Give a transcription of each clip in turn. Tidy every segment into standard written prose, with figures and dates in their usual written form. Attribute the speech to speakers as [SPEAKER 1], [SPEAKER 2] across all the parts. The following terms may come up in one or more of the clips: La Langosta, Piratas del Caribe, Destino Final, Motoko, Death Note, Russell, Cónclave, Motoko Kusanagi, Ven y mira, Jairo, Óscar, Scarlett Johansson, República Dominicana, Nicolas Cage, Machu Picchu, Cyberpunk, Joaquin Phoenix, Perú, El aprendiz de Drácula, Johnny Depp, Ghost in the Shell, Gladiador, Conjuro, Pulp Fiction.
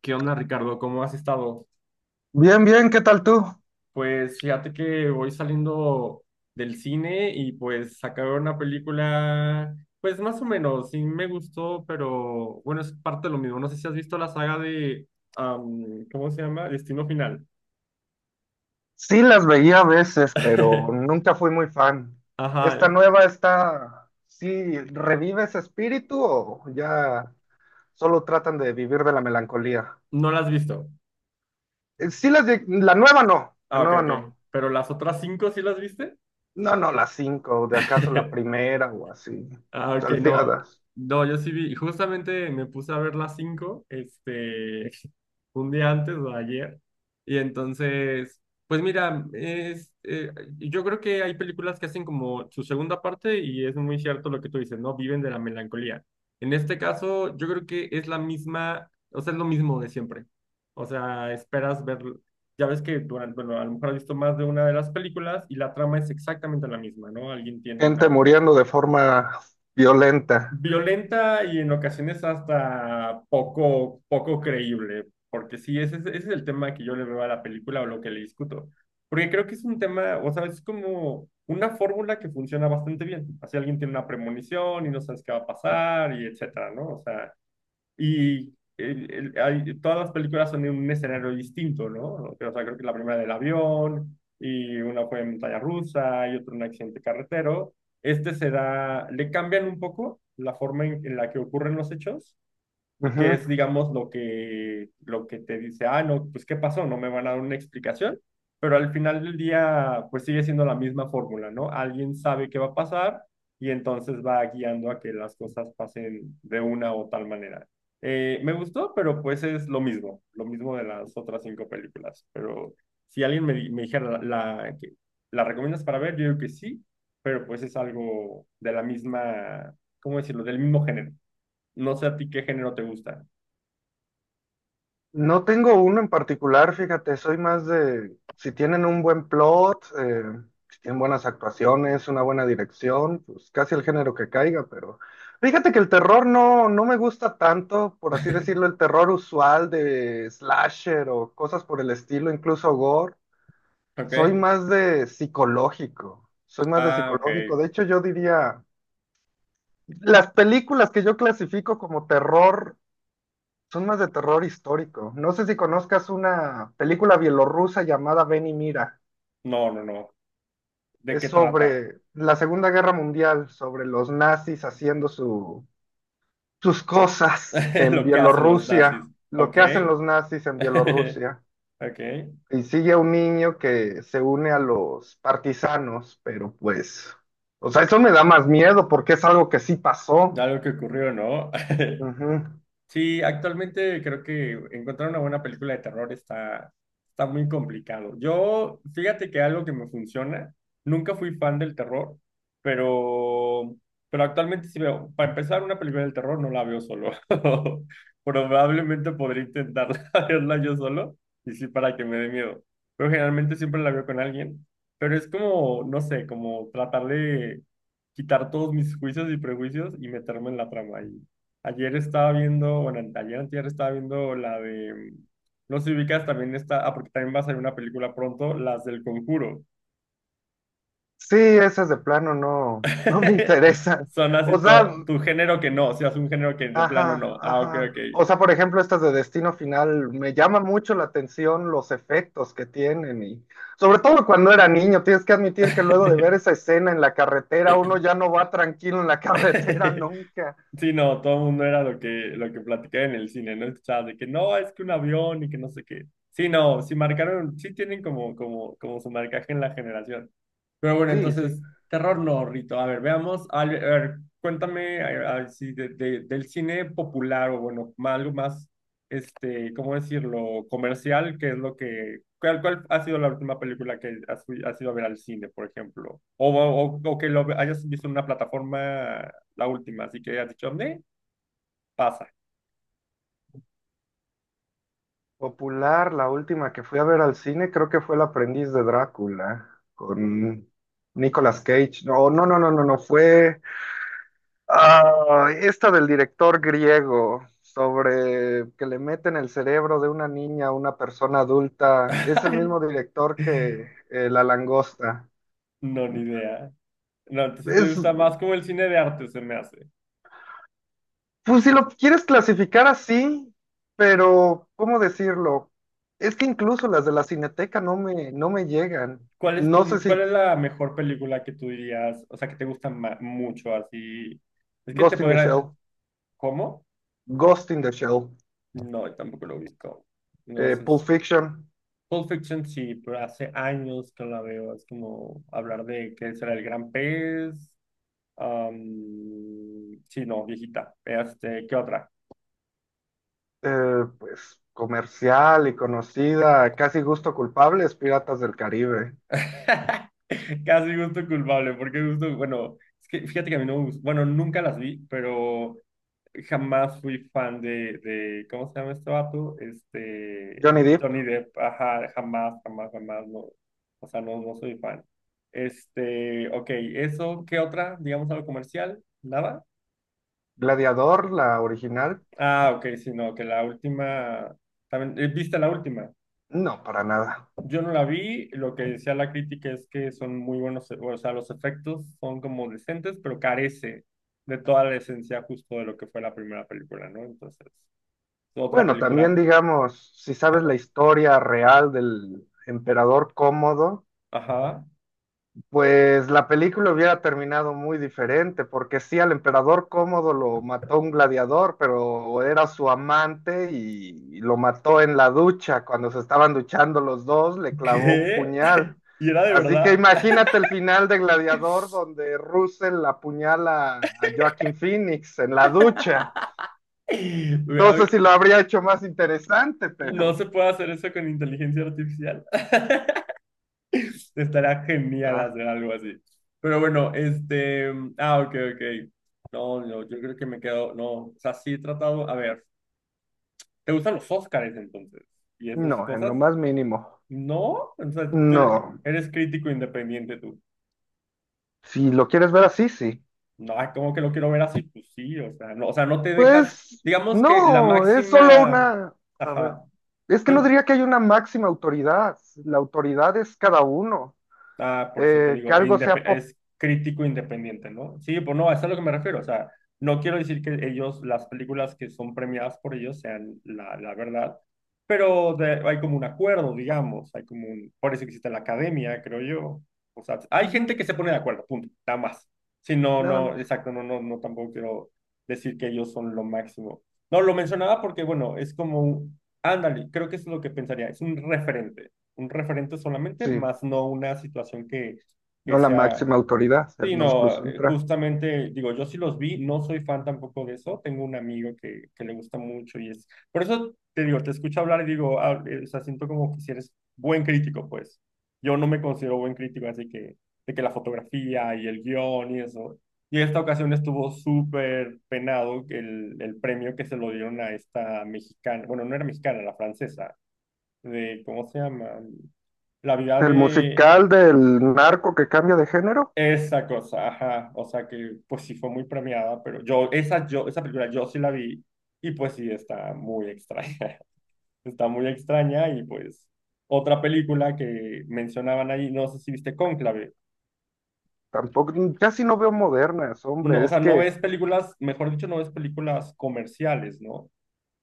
[SPEAKER 1] ¿Qué onda, Ricardo? ¿Cómo has estado?
[SPEAKER 2] Bien, bien, ¿qué tal tú?
[SPEAKER 1] Pues fíjate que voy saliendo del cine y pues sacaron una película, pues más o menos, sí me gustó, pero bueno, es parte de lo mismo. No sé si has visto la saga de, ¿cómo se llama? Destino Final.
[SPEAKER 2] Sí, las veía a veces, pero nunca fui muy fan. ¿Esta
[SPEAKER 1] Ajá,
[SPEAKER 2] nueva está, sí, revive ese espíritu o ya solo tratan de vivir de la melancolía?
[SPEAKER 1] no la has visto.
[SPEAKER 2] Sí, la nueva no, la
[SPEAKER 1] Ah, ok,
[SPEAKER 2] nueva
[SPEAKER 1] ok.
[SPEAKER 2] no.
[SPEAKER 1] Pero las otras cinco sí las viste.
[SPEAKER 2] No, no, las cinco, de acaso la primera o así,
[SPEAKER 1] Ah, ok, no.
[SPEAKER 2] salteadas.
[SPEAKER 1] No, yo sí vi, justamente me puse a ver las cinco, este, un día antes o ayer. Y entonces, pues mira, yo creo que hay películas que hacen como su segunda parte y es muy cierto lo que tú dices, ¿no? Viven de la melancolía. En este caso, yo creo que es la misma, o sea, es lo mismo de siempre. O sea, esperas ver, ya ves que durante, bueno, a lo mejor has visto más de una de las películas y la trama es exactamente la misma, ¿no? Alguien tiene
[SPEAKER 2] Gente
[SPEAKER 1] una
[SPEAKER 2] muriendo de forma violenta.
[SPEAKER 1] violenta y en ocasiones hasta poco creíble, porque sí, ese es el tema que yo le veo a la película o lo que le discuto, porque creo que es un tema, o sea, es como una fórmula que funciona bastante bien, así alguien tiene una premonición y no sabes qué va a pasar y etcétera, ¿no? O sea, y todas las películas son en un escenario distinto, ¿no? O sea, creo que la primera del avión, y una fue en montaña rusa, y otra en un accidente carretero. Este será, le cambian un poco la forma en la que ocurren los hechos,
[SPEAKER 2] Ujú.
[SPEAKER 1] que es, digamos, lo que te dice, ah, no, pues ¿qué pasó? No me van a dar una explicación, pero al final del día, pues sigue siendo la misma fórmula, ¿no? Alguien sabe qué va a pasar y entonces va guiando a que las cosas pasen de una o tal manera. Me gustó, pero pues es lo mismo de las otras cinco películas, pero si alguien me dijera, ¿la recomiendas para ver? Yo digo que sí, pero pues es algo de la misma, ¿cómo decirlo? Del mismo género. No sé a ti qué género te gusta.
[SPEAKER 2] No tengo uno en particular, fíjate, soy más de si tienen un buen plot, si tienen buenas actuaciones, una buena dirección, pues casi el género que caiga, pero fíjate que el terror no, no me gusta tanto, por así decirlo, el terror usual de slasher o cosas por el estilo, incluso gore. Soy
[SPEAKER 1] Ok.
[SPEAKER 2] más de psicológico, soy más de
[SPEAKER 1] Ah, ok.
[SPEAKER 2] psicológico. De hecho, yo diría, las películas que yo clasifico como terror. Son más de terror histórico. No sé si conozcas una película bielorrusa llamada Ven y mira.
[SPEAKER 1] No, no, no. ¿De
[SPEAKER 2] Es
[SPEAKER 1] qué trata?
[SPEAKER 2] sobre la Segunda Guerra Mundial, sobre los nazis haciendo sus cosas en
[SPEAKER 1] Lo que hacen los
[SPEAKER 2] Bielorrusia,
[SPEAKER 1] nazis.
[SPEAKER 2] lo
[SPEAKER 1] Ok.
[SPEAKER 2] que hacen los nazis en Bielorrusia.
[SPEAKER 1] Ok.
[SPEAKER 2] Y sigue a un niño que se une a los partisanos, pero pues, o sea, eso me da más miedo porque es algo que sí pasó.
[SPEAKER 1] Algo que ocurrió, ¿no?
[SPEAKER 2] Ujú.
[SPEAKER 1] Sí, actualmente creo que encontrar una buena película de terror está muy complicado. Yo, fíjate que algo que me funciona, nunca fui fan del terror, pero, pero actualmente sí veo, para empezar, una película del terror no la veo solo. Probablemente podría intentarla verla yo solo, y sí para que me dé miedo. Pero generalmente siempre la veo con alguien. Pero es como, no sé, como tratar de quitar todos mis juicios y prejuicios y meterme en la trama. Ayer estaba viendo, bueno, ayer antier estaba viendo la de, no sé si ubicas, también está, ah, porque también va a salir una película pronto, las del Conjuro.
[SPEAKER 2] Sí, esas de plano no, no me interesan.
[SPEAKER 1] Son
[SPEAKER 2] O
[SPEAKER 1] así
[SPEAKER 2] sea,
[SPEAKER 1] todo, tu género que no, si es un género que de plano
[SPEAKER 2] ajá,
[SPEAKER 1] no. Ah, ok,
[SPEAKER 2] ajá.
[SPEAKER 1] ok.
[SPEAKER 2] O sea, por ejemplo, estas de Destino Final, me llama mucho la atención los efectos que tienen y sobre todo cuando era niño, tienes que admitir que luego de ver esa escena en la carretera, uno ya no va tranquilo en la carretera nunca.
[SPEAKER 1] Sí, no, todo el mundo era lo que, platicaba en el cine, ¿no? Escuchaba de que no, es que un avión y que no sé qué. Sí, no, sí marcaron, sí tienen como su marcaje en la generación. Pero bueno,
[SPEAKER 2] Sí,
[SPEAKER 1] entonces,
[SPEAKER 2] sí.
[SPEAKER 1] terror no, Rito. A ver, veamos. A ver, cuéntame si del cine popular o bueno, algo más, este, ¿cómo decirlo? Comercial, qué es lo que... ¿Cuál ha sido la última película que has ido a ver al cine, por ejemplo? O que hayas visto en una plataforma, la última, así que has dicho, ¿me? Pasa.
[SPEAKER 2] Popular, la última que fui a ver al cine, creo que fue El aprendiz de Drácula con Nicolas Cage. No, no, no, no, no, no, fue, ah, esta del director griego sobre que le meten el cerebro de una niña a una persona adulta, es el
[SPEAKER 1] Ay,
[SPEAKER 2] mismo director que La Langosta.
[SPEAKER 1] no, ni idea. No, entonces si te
[SPEAKER 2] Es,
[SPEAKER 1] gusta más como el cine de arte, se me hace.
[SPEAKER 2] pues si lo quieres clasificar así, pero ¿cómo decirlo? Es que incluso las de la Cineteca no me, no me llegan.
[SPEAKER 1] ¿Cuál es tu,
[SPEAKER 2] No sé
[SPEAKER 1] cuál
[SPEAKER 2] si
[SPEAKER 1] es la mejor película que tú dirías, o sea, que te gusta mucho así? Es que te
[SPEAKER 2] Ghost in the
[SPEAKER 1] podría,
[SPEAKER 2] Shell,
[SPEAKER 1] ¿cómo?
[SPEAKER 2] Ghost in the Shell,
[SPEAKER 1] No, tampoco lo ubico. No sé.
[SPEAKER 2] Pulp Fiction.
[SPEAKER 1] Pulp Fiction sí, pero hace años que no la veo. Es como hablar de que será el gran pez. am, sí, no, viejita. Este, ¿qué otra?
[SPEAKER 2] Pues comercial y conocida, casi gusto culpable, es Piratas del Caribe.
[SPEAKER 1] Casi gusto culpable, porque gusto, bueno, es que fíjate que a mí no me gusta, bueno, nunca las vi, pero jamás fui fan de, ¿cómo se llama este vato? Este,
[SPEAKER 2] Johnny Depp,
[SPEAKER 1] Johnny Depp, ajá, jamás, jamás, jamás, no, o sea, no, no soy fan. Este, ok, eso, ¿qué otra? Digamos algo comercial, ¿nada?
[SPEAKER 2] Gladiador, la original,
[SPEAKER 1] Ah, ok, sí, no, que la última, también, ¿viste la última?
[SPEAKER 2] no, para nada.
[SPEAKER 1] Yo no la vi, lo que decía la crítica es que son muy buenos, o sea, los efectos son como decentes, pero carece de toda la esencia justo de lo que fue la primera película, ¿no? Entonces, otra
[SPEAKER 2] Bueno,
[SPEAKER 1] película,
[SPEAKER 2] también digamos, si sabes la historia real del emperador Cómodo,
[SPEAKER 1] ajá.
[SPEAKER 2] pues la película hubiera terminado muy diferente, porque sí, al emperador Cómodo lo mató un gladiador, pero era su amante y lo mató en la ducha. Cuando se estaban duchando los dos, le clavó un
[SPEAKER 1] ¿Qué?
[SPEAKER 2] puñal.
[SPEAKER 1] ¿Y era de
[SPEAKER 2] Así que
[SPEAKER 1] verdad?
[SPEAKER 2] imagínate el final de Gladiador, donde Russell apuñala a Joaquin Phoenix en la ducha.
[SPEAKER 1] Güey, a
[SPEAKER 2] No sé si
[SPEAKER 1] ver,
[SPEAKER 2] lo habría hecho más interesante,
[SPEAKER 1] no
[SPEAKER 2] pero
[SPEAKER 1] se puede hacer eso con inteligencia artificial. Estará genial
[SPEAKER 2] ah,
[SPEAKER 1] hacer algo así. Pero bueno, este. Ah, ok, ok. No, no, yo creo que me quedo. No, o sea, sí he tratado. A ver, ¿te gustan los Óscares entonces? ¿Y esas
[SPEAKER 2] no, en lo
[SPEAKER 1] cosas?
[SPEAKER 2] más mínimo.
[SPEAKER 1] No, entonces tú eres
[SPEAKER 2] No,
[SPEAKER 1] eres crítico independiente.
[SPEAKER 2] si lo quieres ver así, sí.
[SPEAKER 1] No, ay, ¿cómo que lo quiero ver así? Pues sí, o sea, no te dejas,
[SPEAKER 2] Pues
[SPEAKER 1] digamos que la
[SPEAKER 2] no, es solo
[SPEAKER 1] máxima,
[SPEAKER 2] una, a ver,
[SPEAKER 1] ajá,
[SPEAKER 2] es que no
[SPEAKER 1] no,
[SPEAKER 2] diría que hay una máxima autoridad, la autoridad es cada uno.
[SPEAKER 1] ah, por eso te
[SPEAKER 2] Que
[SPEAKER 1] digo,
[SPEAKER 2] algo sea pop,
[SPEAKER 1] es crítico independiente, ¿no? Sí, pues no, eso es a lo que me refiero. O sea, no quiero decir que ellos, las películas que son premiadas por ellos sean la verdad, pero hay como un acuerdo, digamos, hay como un, por eso existe la academia, creo yo. O sea, hay
[SPEAKER 2] ujú,
[SPEAKER 1] gente que se pone de acuerdo, punto, nada más. Sí, no,
[SPEAKER 2] nada
[SPEAKER 1] no,
[SPEAKER 2] más.
[SPEAKER 1] exacto, no, no, no, tampoco quiero decir que ellos son lo máximo. No, lo mencionaba porque, bueno, es como, ándale, creo que es lo que pensaría, es un referente solamente,
[SPEAKER 2] Sí,
[SPEAKER 1] más no una situación que
[SPEAKER 2] no la
[SPEAKER 1] sea...
[SPEAKER 2] máxima autoridad, el
[SPEAKER 1] Sí,
[SPEAKER 2] non plus
[SPEAKER 1] no,
[SPEAKER 2] ultra.
[SPEAKER 1] justamente, digo, yo sí los vi, no soy fan tampoco de eso, tengo un amigo que le gusta mucho y es... Por eso te digo, te escucho hablar y digo, o sea, siento como que si eres buen crítico, pues. Yo no me considero buen crítico, así que de que la fotografía y el guión y eso. Y esta ocasión estuvo súper penado el premio que se lo dieron a esta mexicana, bueno, no era mexicana, la francesa, de, ¿cómo se llama? La vida
[SPEAKER 2] El
[SPEAKER 1] de
[SPEAKER 2] musical del narco que cambia de género,
[SPEAKER 1] esa cosa, ajá. O sea que pues sí fue muy premiada, pero esa película yo sí la vi y pues sí está muy extraña. Está muy extraña y pues otra película que mencionaban ahí, no sé si viste Cónclave.
[SPEAKER 2] tampoco, casi no veo modernas,
[SPEAKER 1] No,
[SPEAKER 2] hombre,
[SPEAKER 1] o
[SPEAKER 2] es
[SPEAKER 1] sea, no
[SPEAKER 2] que,
[SPEAKER 1] ves películas, mejor dicho, no ves películas comerciales, ¿no?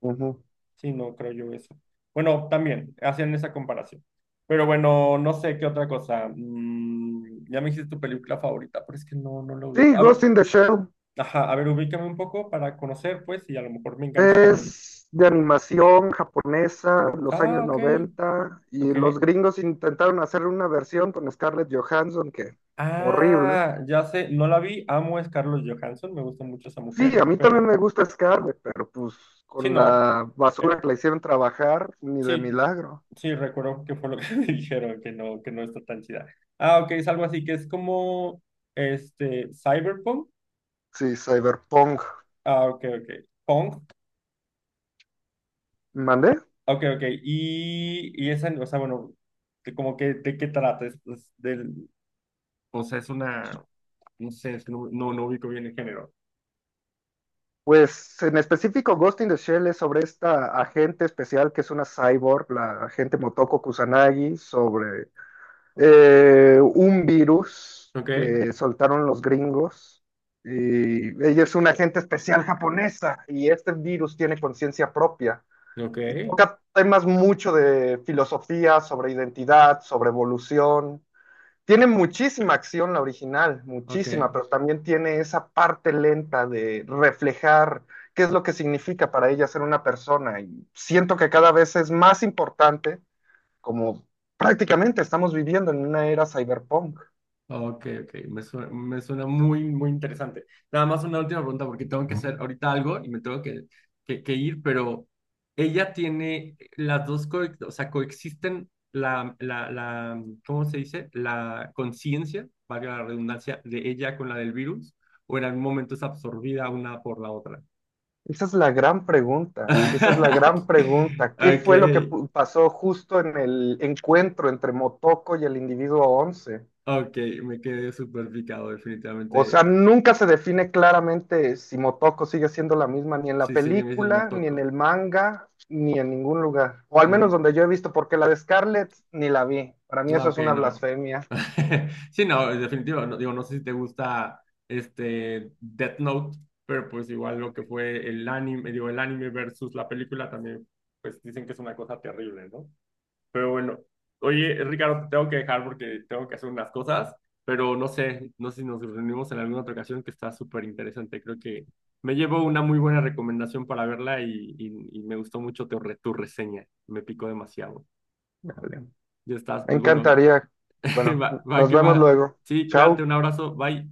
[SPEAKER 2] ujú.
[SPEAKER 1] Sí, no creo yo eso. Bueno, también hacían esa comparación. Pero bueno, no sé qué otra cosa. Ya me dijiste tu película favorita, pero es que no, no lo
[SPEAKER 2] Sí,
[SPEAKER 1] ubico. A
[SPEAKER 2] Ghost
[SPEAKER 1] ver,
[SPEAKER 2] in the Shell,
[SPEAKER 1] ajá, a ver, ubícame un poco para conocer, pues, y a lo mejor me engancho también.
[SPEAKER 2] es de animación japonesa, los
[SPEAKER 1] Ah,
[SPEAKER 2] años
[SPEAKER 1] ok,
[SPEAKER 2] 90 y
[SPEAKER 1] ok.
[SPEAKER 2] los gringos intentaron hacer una versión con Scarlett Johansson, que horrible.
[SPEAKER 1] Ah, ya sé, no la vi, amo es Carlos Johansson, me gusta mucho esa
[SPEAKER 2] Sí,
[SPEAKER 1] mujer,
[SPEAKER 2] a mí también
[SPEAKER 1] pero
[SPEAKER 2] me gusta Scarlett, pero pues
[SPEAKER 1] sí,
[SPEAKER 2] con
[SPEAKER 1] no,
[SPEAKER 2] la
[SPEAKER 1] eh,
[SPEAKER 2] basura que la hicieron trabajar, ni de
[SPEAKER 1] sí,
[SPEAKER 2] milagro.
[SPEAKER 1] sí, recuerdo que fue lo que me dijeron, que no está tan chida. Ah, ok, es algo así, que es como, este, cyberpunk.
[SPEAKER 2] Sí, cyberpunk.
[SPEAKER 1] Ah, ok, ok, punk,
[SPEAKER 2] ¿Mandé?
[SPEAKER 1] ok, ok, y esa, o sea, bueno, que como que, ¿de qué trata? Es del, o sea, es una... No sé, no ubico bien el género.
[SPEAKER 2] Pues en específico, Ghost in the Shell es sobre esta agente especial que es una cyborg, la agente Motoko Kusanagi, sobre un virus
[SPEAKER 1] Ok,
[SPEAKER 2] que soltaron los gringos. Y ella es una agente especial japonesa y este virus tiene conciencia propia.
[SPEAKER 1] ok,
[SPEAKER 2] Y toca temas mucho de filosofía, sobre identidad, sobre evolución. Tiene muchísima acción la original,
[SPEAKER 1] ok,
[SPEAKER 2] muchísima, pero también tiene esa parte lenta de reflejar qué es lo que significa para ella ser una persona. Y siento que cada vez es más importante como prácticamente estamos viviendo en una era cyberpunk.
[SPEAKER 1] ok, ok. Me suena muy, muy interesante. Nada más una última pregunta porque tengo que hacer ahorita algo y me tengo que ir, pero ella tiene las dos, o sea, coexisten ¿cómo se dice? La conciencia, valga la redundancia, de ella con la del virus, o en algún momento es absorbida una por la otra.
[SPEAKER 2] Esa es la gran pregunta, esa es la gran pregunta. ¿Qué
[SPEAKER 1] Ok,
[SPEAKER 2] fue lo que pasó justo en el encuentro entre Motoko y el individuo 11?
[SPEAKER 1] ok, me quedé súper picado,
[SPEAKER 2] O sea,
[SPEAKER 1] definitivamente.
[SPEAKER 2] nunca se define claramente si Motoko sigue siendo la misma ni en la
[SPEAKER 1] Sí, sí, me dicen
[SPEAKER 2] película, ni en
[SPEAKER 1] Motoko.
[SPEAKER 2] el manga, ni en ningún lugar. O al menos
[SPEAKER 1] Mm,
[SPEAKER 2] donde yo he visto, porque la de Scarlett ni la vi. Para mí eso es
[SPEAKER 1] ok,
[SPEAKER 2] una
[SPEAKER 1] no.
[SPEAKER 2] blasfemia.
[SPEAKER 1] Sí, no, es definitivo. No, digo, no sé si te gusta este Death Note, pero pues igual lo que fue el anime, digo, el anime versus la película también, pues dicen que es una cosa terrible, ¿no? Pero bueno, oye, Ricardo, te tengo que dejar porque tengo que hacer unas cosas, pero no sé si nos reunimos en alguna otra ocasión que está súper interesante. Creo que me llevo una muy buena recomendación para verla y me gustó mucho tu reseña. Me picó demasiado.
[SPEAKER 2] Vale.
[SPEAKER 1] Ya estás,
[SPEAKER 2] Me
[SPEAKER 1] pues bueno,
[SPEAKER 2] encantaría. Bueno,
[SPEAKER 1] va, va
[SPEAKER 2] nos
[SPEAKER 1] que
[SPEAKER 2] vemos
[SPEAKER 1] va.
[SPEAKER 2] luego.
[SPEAKER 1] Sí, cuídate,
[SPEAKER 2] Chao.
[SPEAKER 1] un abrazo, bye.